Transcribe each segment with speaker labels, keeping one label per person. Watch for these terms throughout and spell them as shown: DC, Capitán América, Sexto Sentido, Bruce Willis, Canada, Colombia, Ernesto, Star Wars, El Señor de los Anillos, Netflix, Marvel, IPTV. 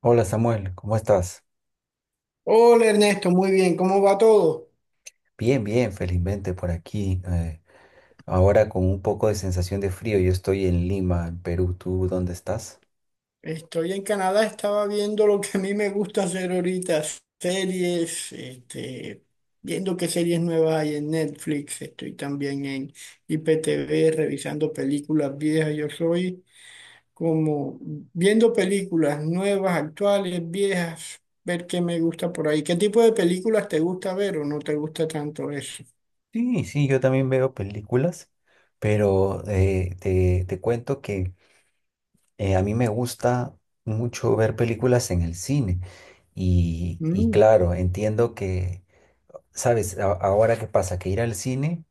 Speaker 1: Hola Samuel, ¿cómo estás?
Speaker 2: Hola Ernesto, muy bien, ¿cómo va todo?
Speaker 1: Bien, bien, felizmente por aquí. Ahora con un poco de sensación de frío, yo estoy en Lima, en Perú. ¿Tú dónde estás?
Speaker 2: Estoy en Canadá, estaba viendo lo que a mí me gusta hacer ahorita, series, este, viendo qué series nuevas hay en Netflix, estoy también en IPTV revisando películas viejas, yo soy como viendo películas nuevas, actuales, viejas, ver qué me gusta por ahí. ¿Qué tipo de películas te gusta ver o no te gusta tanto eso?
Speaker 1: Sí, sí, yo también veo películas, pero te cuento que a mí me gusta mucho ver películas en el cine. Y
Speaker 2: Mm.
Speaker 1: claro, entiendo que, ¿sabes? Ahora qué pasa, que ir al cine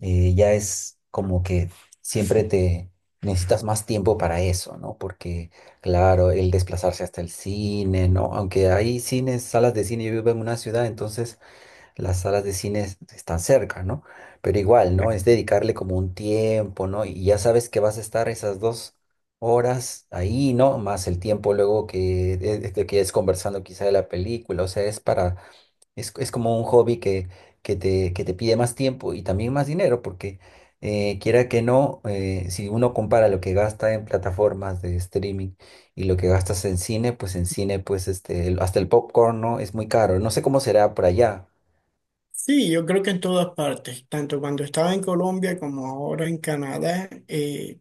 Speaker 1: ya es como que siempre te necesitas más tiempo para eso, ¿no? Porque, claro, el desplazarse hasta el cine, ¿no? Aunque hay cines, salas de cine, yo vivo en una ciudad, entonces las salas de cine están cerca, ¿no? Pero igual, ¿no? Es dedicarle como un tiempo, ¿no? Y ya sabes que vas a estar esas dos horas ahí, ¿no? Más el tiempo luego que es conversando quizá de la película, o sea, es para es como un hobby que te pide más tiempo y también más dinero, porque quiera que no, si uno compara lo que gasta en plataformas de streaming y lo que gastas en cine, pues este, hasta el popcorn, ¿no? Es muy caro. No sé cómo será por allá.
Speaker 2: Sí, yo creo que en todas partes, tanto cuando estaba en Colombia como ahora en Canadá,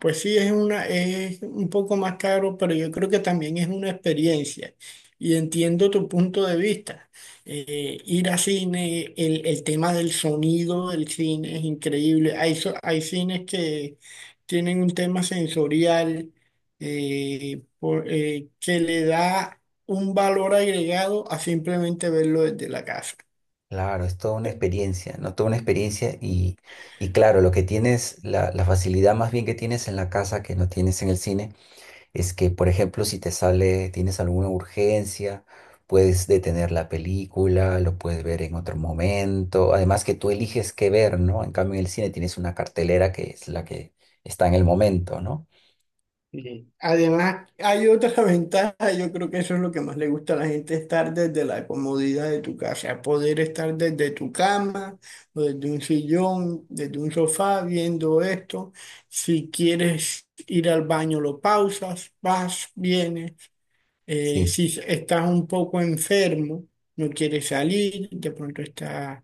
Speaker 2: pues sí es una, es un poco más caro, pero yo creo que también es una experiencia. Y entiendo tu punto de vista. Ir a cine, el tema del sonido del cine es increíble. Hay, hay cines que tienen un tema sensorial que le da un valor agregado a simplemente verlo desde la casa.
Speaker 1: Claro, es toda una experiencia, ¿no? Toda una experiencia y claro, lo que tienes, la facilidad más bien que tienes en la casa que no tienes en el cine es que, por ejemplo, si te sale, tienes alguna urgencia, puedes detener la película, lo puedes ver en otro momento. Además que tú eliges qué ver, ¿no? En cambio, en el cine tienes una cartelera que es la que está en el momento, ¿no?
Speaker 2: Sí. Además, hay otra ventaja, yo creo que eso es lo que más le gusta a la gente, estar desde la comodidad de tu casa, poder estar desde tu cama o desde un sillón, desde un sofá viendo esto. Si quieres ir al baño, lo pausas, vas, vienes.
Speaker 1: Sí,
Speaker 2: Si estás un poco enfermo, no quieres salir, de pronto estás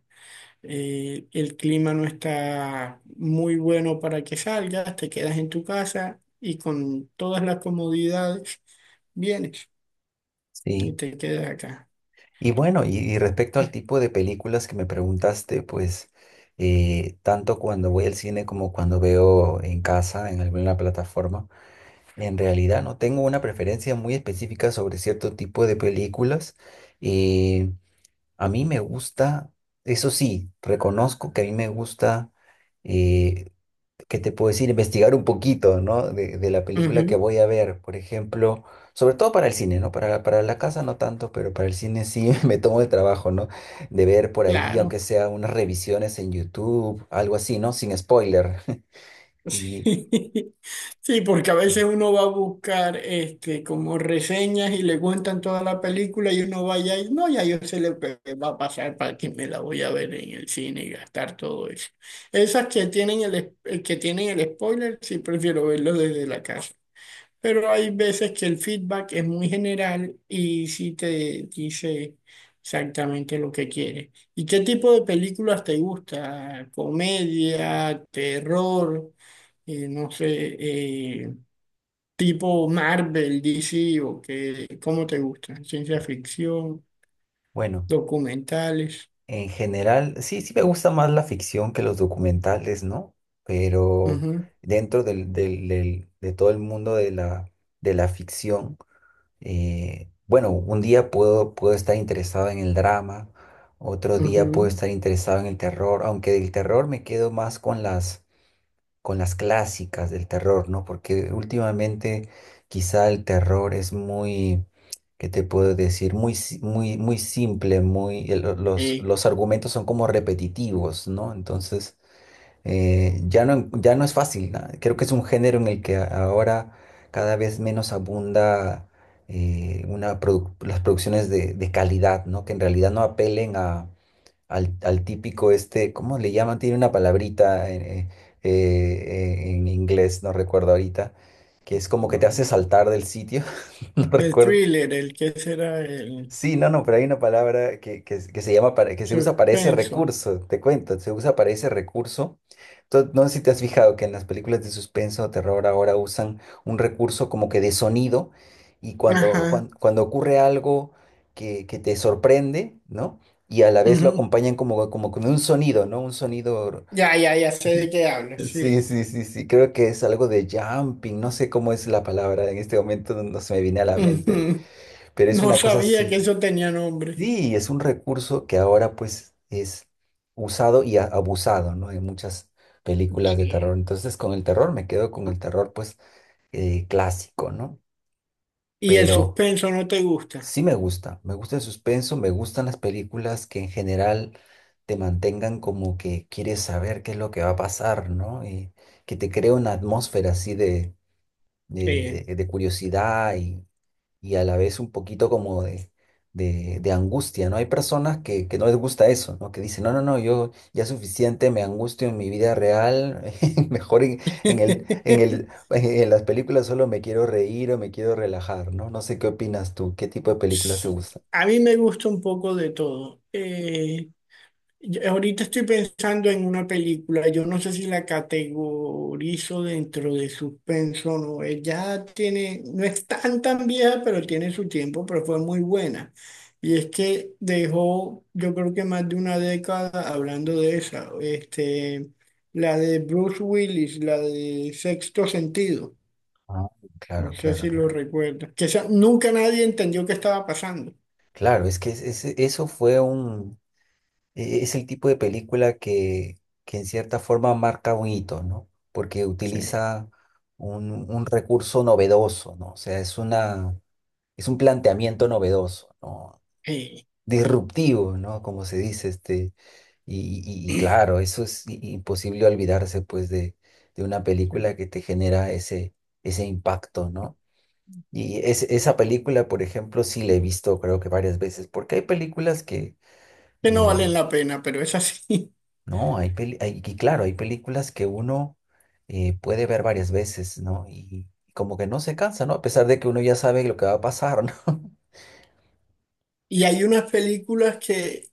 Speaker 2: el clima no está muy bueno para que salgas, te quedas en tu casa y con todas las comodidades vienes y
Speaker 1: sí.
Speaker 2: te quedas acá.
Speaker 1: Y bueno, y respecto al tipo de películas que me preguntaste, pues tanto cuando voy al cine como cuando veo en casa, en alguna plataforma, en realidad no tengo una preferencia muy específica sobre cierto tipo de películas. Eh, A mí me gusta, eso sí, reconozco que a mí me gusta, eh, ¿qué te puedo decir? Investigar un poquito, ¿no? De la película que
Speaker 2: Ujú,
Speaker 1: voy a ver, por ejemplo, sobre todo para el cine, ¿no? Para, para la casa no tanto, pero para el cine sí me tomo el trabajo, ¿no? De ver por ahí,
Speaker 2: claro.
Speaker 1: aunque sea unas revisiones en YouTube, algo así, ¿no? Sin spoiler. Y
Speaker 2: Sí, porque a veces uno va a buscar este, como reseñas y le cuentan toda la película y uno vaya y no, ya yo sé lo que va a pasar para que me la voy a ver en el cine y gastar todo eso. Esas que tienen que tienen el spoiler, sí prefiero verlo desde la casa. Pero hay veces que el feedback es muy general y sí te dice exactamente lo que quiere. ¿Y qué tipo de películas te gusta? ¿Comedia, terror, no sé, eh, tipo Marvel, DC o qué, cómo te gusta? ¿Ciencia ficción,
Speaker 1: bueno.
Speaker 2: documentales?
Speaker 1: En general, sí, sí me gusta más la ficción que los documentales, ¿no? Pero
Speaker 2: Ujú,
Speaker 1: dentro de todo el mundo de la ficción, bueno, un día puedo, puedo estar interesado en el drama, otro día puedo
Speaker 2: ujú.
Speaker 1: estar interesado en el terror, aunque del terror me quedo más con las clásicas del terror, ¿no? Porque últimamente quizá el terror es muy, ¿qué te puedo decir? Muy, si- muy, muy simple, muy,
Speaker 2: Eh,
Speaker 1: los argumentos son como repetitivos, ¿no? Entonces, ya no, ya no es fácil, ¿no? Creo que es un género en el que ahora cada vez menos abunda las producciones de calidad, ¿no? Que en realidad no apelen a al típico este, ¿cómo le llaman? Tiene una palabrita en inglés, no recuerdo ahorita, que es como que te hace
Speaker 2: bueno,
Speaker 1: saltar del sitio, no
Speaker 2: el
Speaker 1: recuerdo.
Speaker 2: thriller, el que será el
Speaker 1: Sí, no, no, pero hay una palabra que se llama, que se usa para ese
Speaker 2: suspenso.
Speaker 1: recurso, te cuento, se usa para ese recurso. No sé si te has fijado que en las películas de suspenso o terror ahora usan un recurso como que de sonido y
Speaker 2: Ajá,
Speaker 1: cuando ocurre algo que te sorprende, ¿no? Y a la vez lo
Speaker 2: ujú.
Speaker 1: acompañan como, como con un sonido, ¿no? Un sonido.
Speaker 2: Ya, ya, ya sé de qué hablas,
Speaker 1: Sí,
Speaker 2: sí.
Speaker 1: sí, sí, sí, creo que es algo de jumping, no sé cómo es la palabra en este momento, no se me viene a la mente,
Speaker 2: Ujú.
Speaker 1: pero es
Speaker 2: No
Speaker 1: una cosa
Speaker 2: sabía que
Speaker 1: así.
Speaker 2: eso tenía nombre.
Speaker 1: Sí, es un recurso que ahora pues es usado y abusado, ¿no? En muchas películas de terror.
Speaker 2: Sí.
Speaker 1: Entonces con el terror me quedo con el terror pues clásico, ¿no?
Speaker 2: Y el
Speaker 1: Pero
Speaker 2: suspenso no te gusta.
Speaker 1: sí me gusta el suspenso, me gustan las películas que en general te mantengan como que quieres saber qué es lo que va a pasar, ¿no? Y que te crea una atmósfera así de,
Speaker 2: Sí.
Speaker 1: de curiosidad y a la vez un poquito como de angustia, ¿no? Hay personas que no les gusta eso, ¿no? Que dicen, no, no, no, yo ya es suficiente, me angustio en mi vida real, mejor en el, en el, en las películas solo me quiero reír o me quiero relajar, ¿no? No sé qué opinas tú, ¿qué tipo de películas te gustan?
Speaker 2: A mí me gusta un poco de todo. Yo ahorita estoy pensando en una película, yo no sé si la categorizo dentro de suspenso o no. Ella tiene, no es tan tan vieja, pero tiene su tiempo, pero fue muy buena. Y es que dejó, yo creo que más de una década hablando de esa, este, la de Bruce Willis, la de Sexto Sentido,
Speaker 1: Ah,
Speaker 2: no
Speaker 1: claro,
Speaker 2: sé
Speaker 1: claro,
Speaker 2: si lo
Speaker 1: claro.
Speaker 2: recuerdas, que nunca nadie entendió qué estaba pasando.
Speaker 1: Claro, es que eso fue un, es el tipo de película que en cierta forma marca un hito, ¿no? Porque
Speaker 2: Sí.
Speaker 1: utiliza un recurso novedoso, ¿no? O sea, es una, es un planteamiento novedoso, ¿no?
Speaker 2: Eh,
Speaker 1: Disruptivo, ¿no? Como se dice, este. Y, y claro, eso es imposible olvidarse, pues, de una película que te genera ese, ese impacto, ¿no? Y esa película, por ejemplo, sí la he visto, creo que varias veces, porque hay películas que,
Speaker 2: que no valen
Speaker 1: eh,
Speaker 2: la pena, pero es así.
Speaker 1: no, y claro, hay películas que uno puede ver varias veces, ¿no? Y, como que no se cansa, ¿no? A pesar de que uno ya sabe lo que va a pasar, ¿no?
Speaker 2: Y hay unas películas que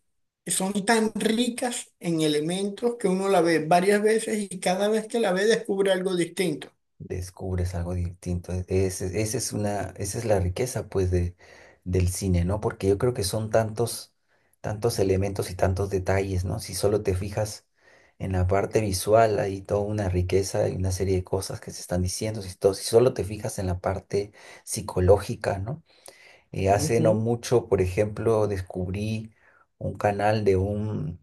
Speaker 2: son tan ricas en elementos que uno la ve varias veces y cada vez que la ve descubre algo distinto.
Speaker 1: Descubres algo distinto. Esa es una, esa es la riqueza, pues, de, del cine, ¿no? Porque yo creo que son tantos, tantos elementos y tantos detalles, ¿no? Si solo te fijas en la parte visual, hay toda una riqueza y una serie de cosas que se están diciendo. Si, si solo te fijas en la parte psicológica, ¿no? Hace no
Speaker 2: Ujú.
Speaker 1: mucho, por ejemplo, descubrí un canal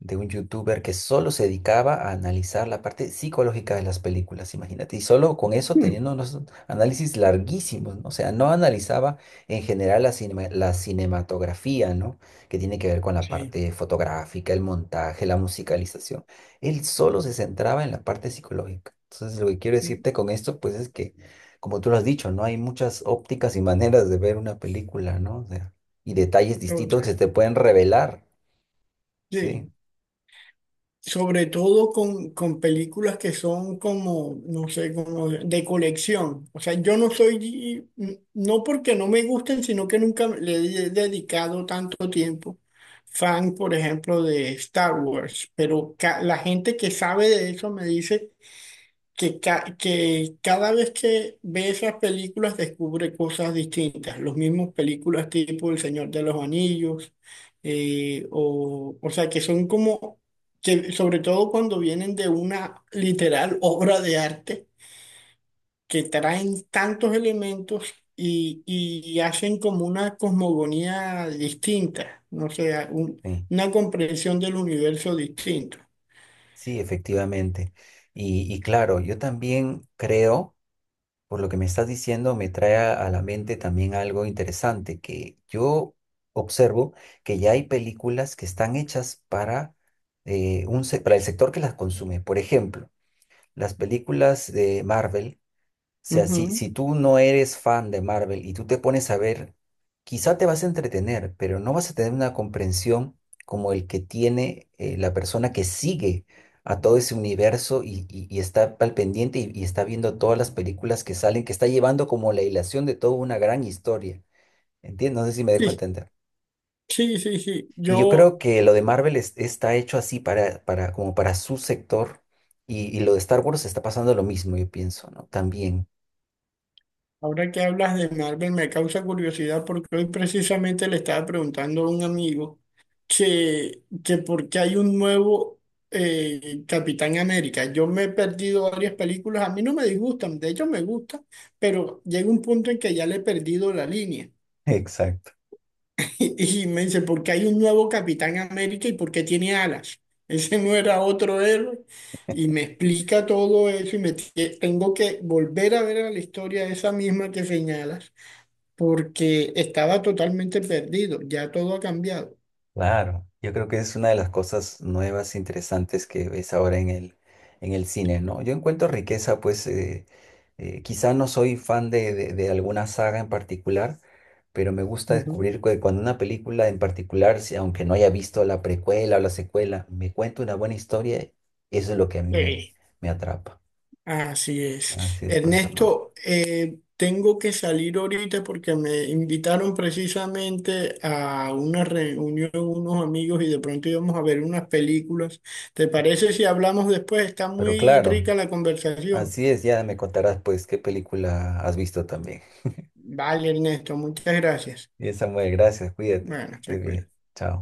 Speaker 1: de un youtuber que solo se dedicaba a analizar la parte psicológica de las películas, imagínate, y solo con eso
Speaker 2: Mm,
Speaker 1: teniendo unos análisis larguísimos, ¿no? O sea, no analizaba en general la la cinematografía, ¿no? Que tiene que ver con la
Speaker 2: sí,
Speaker 1: parte fotográfica, el montaje, la musicalización. Él solo se centraba en la parte psicológica. Entonces, lo que quiero
Speaker 2: mm,
Speaker 1: decirte con esto, pues es que, como tú lo has dicho, ¿no? Hay muchas ópticas y maneras de ver una película, ¿no? O sea, y detalles distintos que se
Speaker 2: otra.
Speaker 1: te pueden revelar, sí.
Speaker 2: Sí. Sobre todo con películas que son como, no sé, como de colección. O sea, yo no soy, mm, no porque no me gusten, sino que nunca le he dedicado tanto tiempo. Fan, por ejemplo, de Star Wars, pero la gente que sabe de eso me dice que, que cada vez que ve esas películas descubre cosas distintas, los mismos películas tipo El Señor de los Anillos, o sea, que son como, que sobre todo cuando vienen de una literal obra de arte, que traen tantos elementos y hacen como una cosmogonía distinta, no sea un-
Speaker 1: Sí.
Speaker 2: una comprensión del universo distinto.
Speaker 1: Sí, efectivamente. Y claro, yo también creo, por lo que me estás diciendo, me trae a la mente también algo interesante, que yo observo que ya hay películas que están hechas para, para el sector que las consume. Por ejemplo, las películas de Marvel sea,
Speaker 2: Ujú.
Speaker 1: si tú no eres fan de Marvel y tú te pones a ver, quizá te vas a entretener, pero no vas a tener una comprensión como el que tiene la persona que sigue a todo ese universo y, y está al pendiente y está viendo todas las películas que salen, que está llevando como la hilación de toda una gran historia. ¿Entiendes? No sé si me dejo
Speaker 2: Sí,
Speaker 1: entender.
Speaker 2: sí, sí, sí.
Speaker 1: Y yo creo
Speaker 2: Yo.
Speaker 1: que lo de Marvel está hecho así para, como para su sector y lo de Star Wars está pasando lo mismo, yo pienso, ¿no? También.
Speaker 2: Ahora que hablas de Marvel me causa curiosidad porque hoy precisamente le estaba preguntando a un amigo que por qué hay un nuevo Capitán América. Yo me he perdido varias películas, a mí no me disgustan, de hecho me gustan, pero llega un punto en que ya le he perdido la línea.
Speaker 1: Exacto.
Speaker 2: Y, y me dice, ¿por qué hay un nuevo Capitán América y por qué tiene alas? Ese no era otro héroe. Y me explica todo eso y me tengo que volver a ver a la historia esa misma que señalas porque estaba totalmente perdido, ya todo ha cambiado.
Speaker 1: Claro, yo creo que es una de las cosas nuevas, interesantes que ves ahora en el cine, ¿no? Yo encuentro riqueza, pues quizá no soy fan de, de alguna saga en particular, pero me gusta
Speaker 2: Ujú.
Speaker 1: descubrir que cuando una película en particular, aunque no haya visto la precuela o la secuela, me cuenta una buena historia, eso es lo que a mí me,
Speaker 2: Sí.
Speaker 1: me atrapa.
Speaker 2: Así es.
Speaker 1: Así es, pues, amor.
Speaker 2: Ernesto, tengo que salir ahorita porque me invitaron precisamente a una reunión unos amigos y de pronto íbamos a ver unas películas. ¿Te parece si hablamos después? Está
Speaker 1: Pero
Speaker 2: muy
Speaker 1: claro,
Speaker 2: rica la conversación.
Speaker 1: así es, ya me contarás, pues, qué película has visto también.
Speaker 2: Vale, Ernesto, muchas gracias.
Speaker 1: Bien, Samuel, gracias, cuídate,
Speaker 2: Bueno,
Speaker 1: estés
Speaker 2: se cuida.
Speaker 1: bien, chao.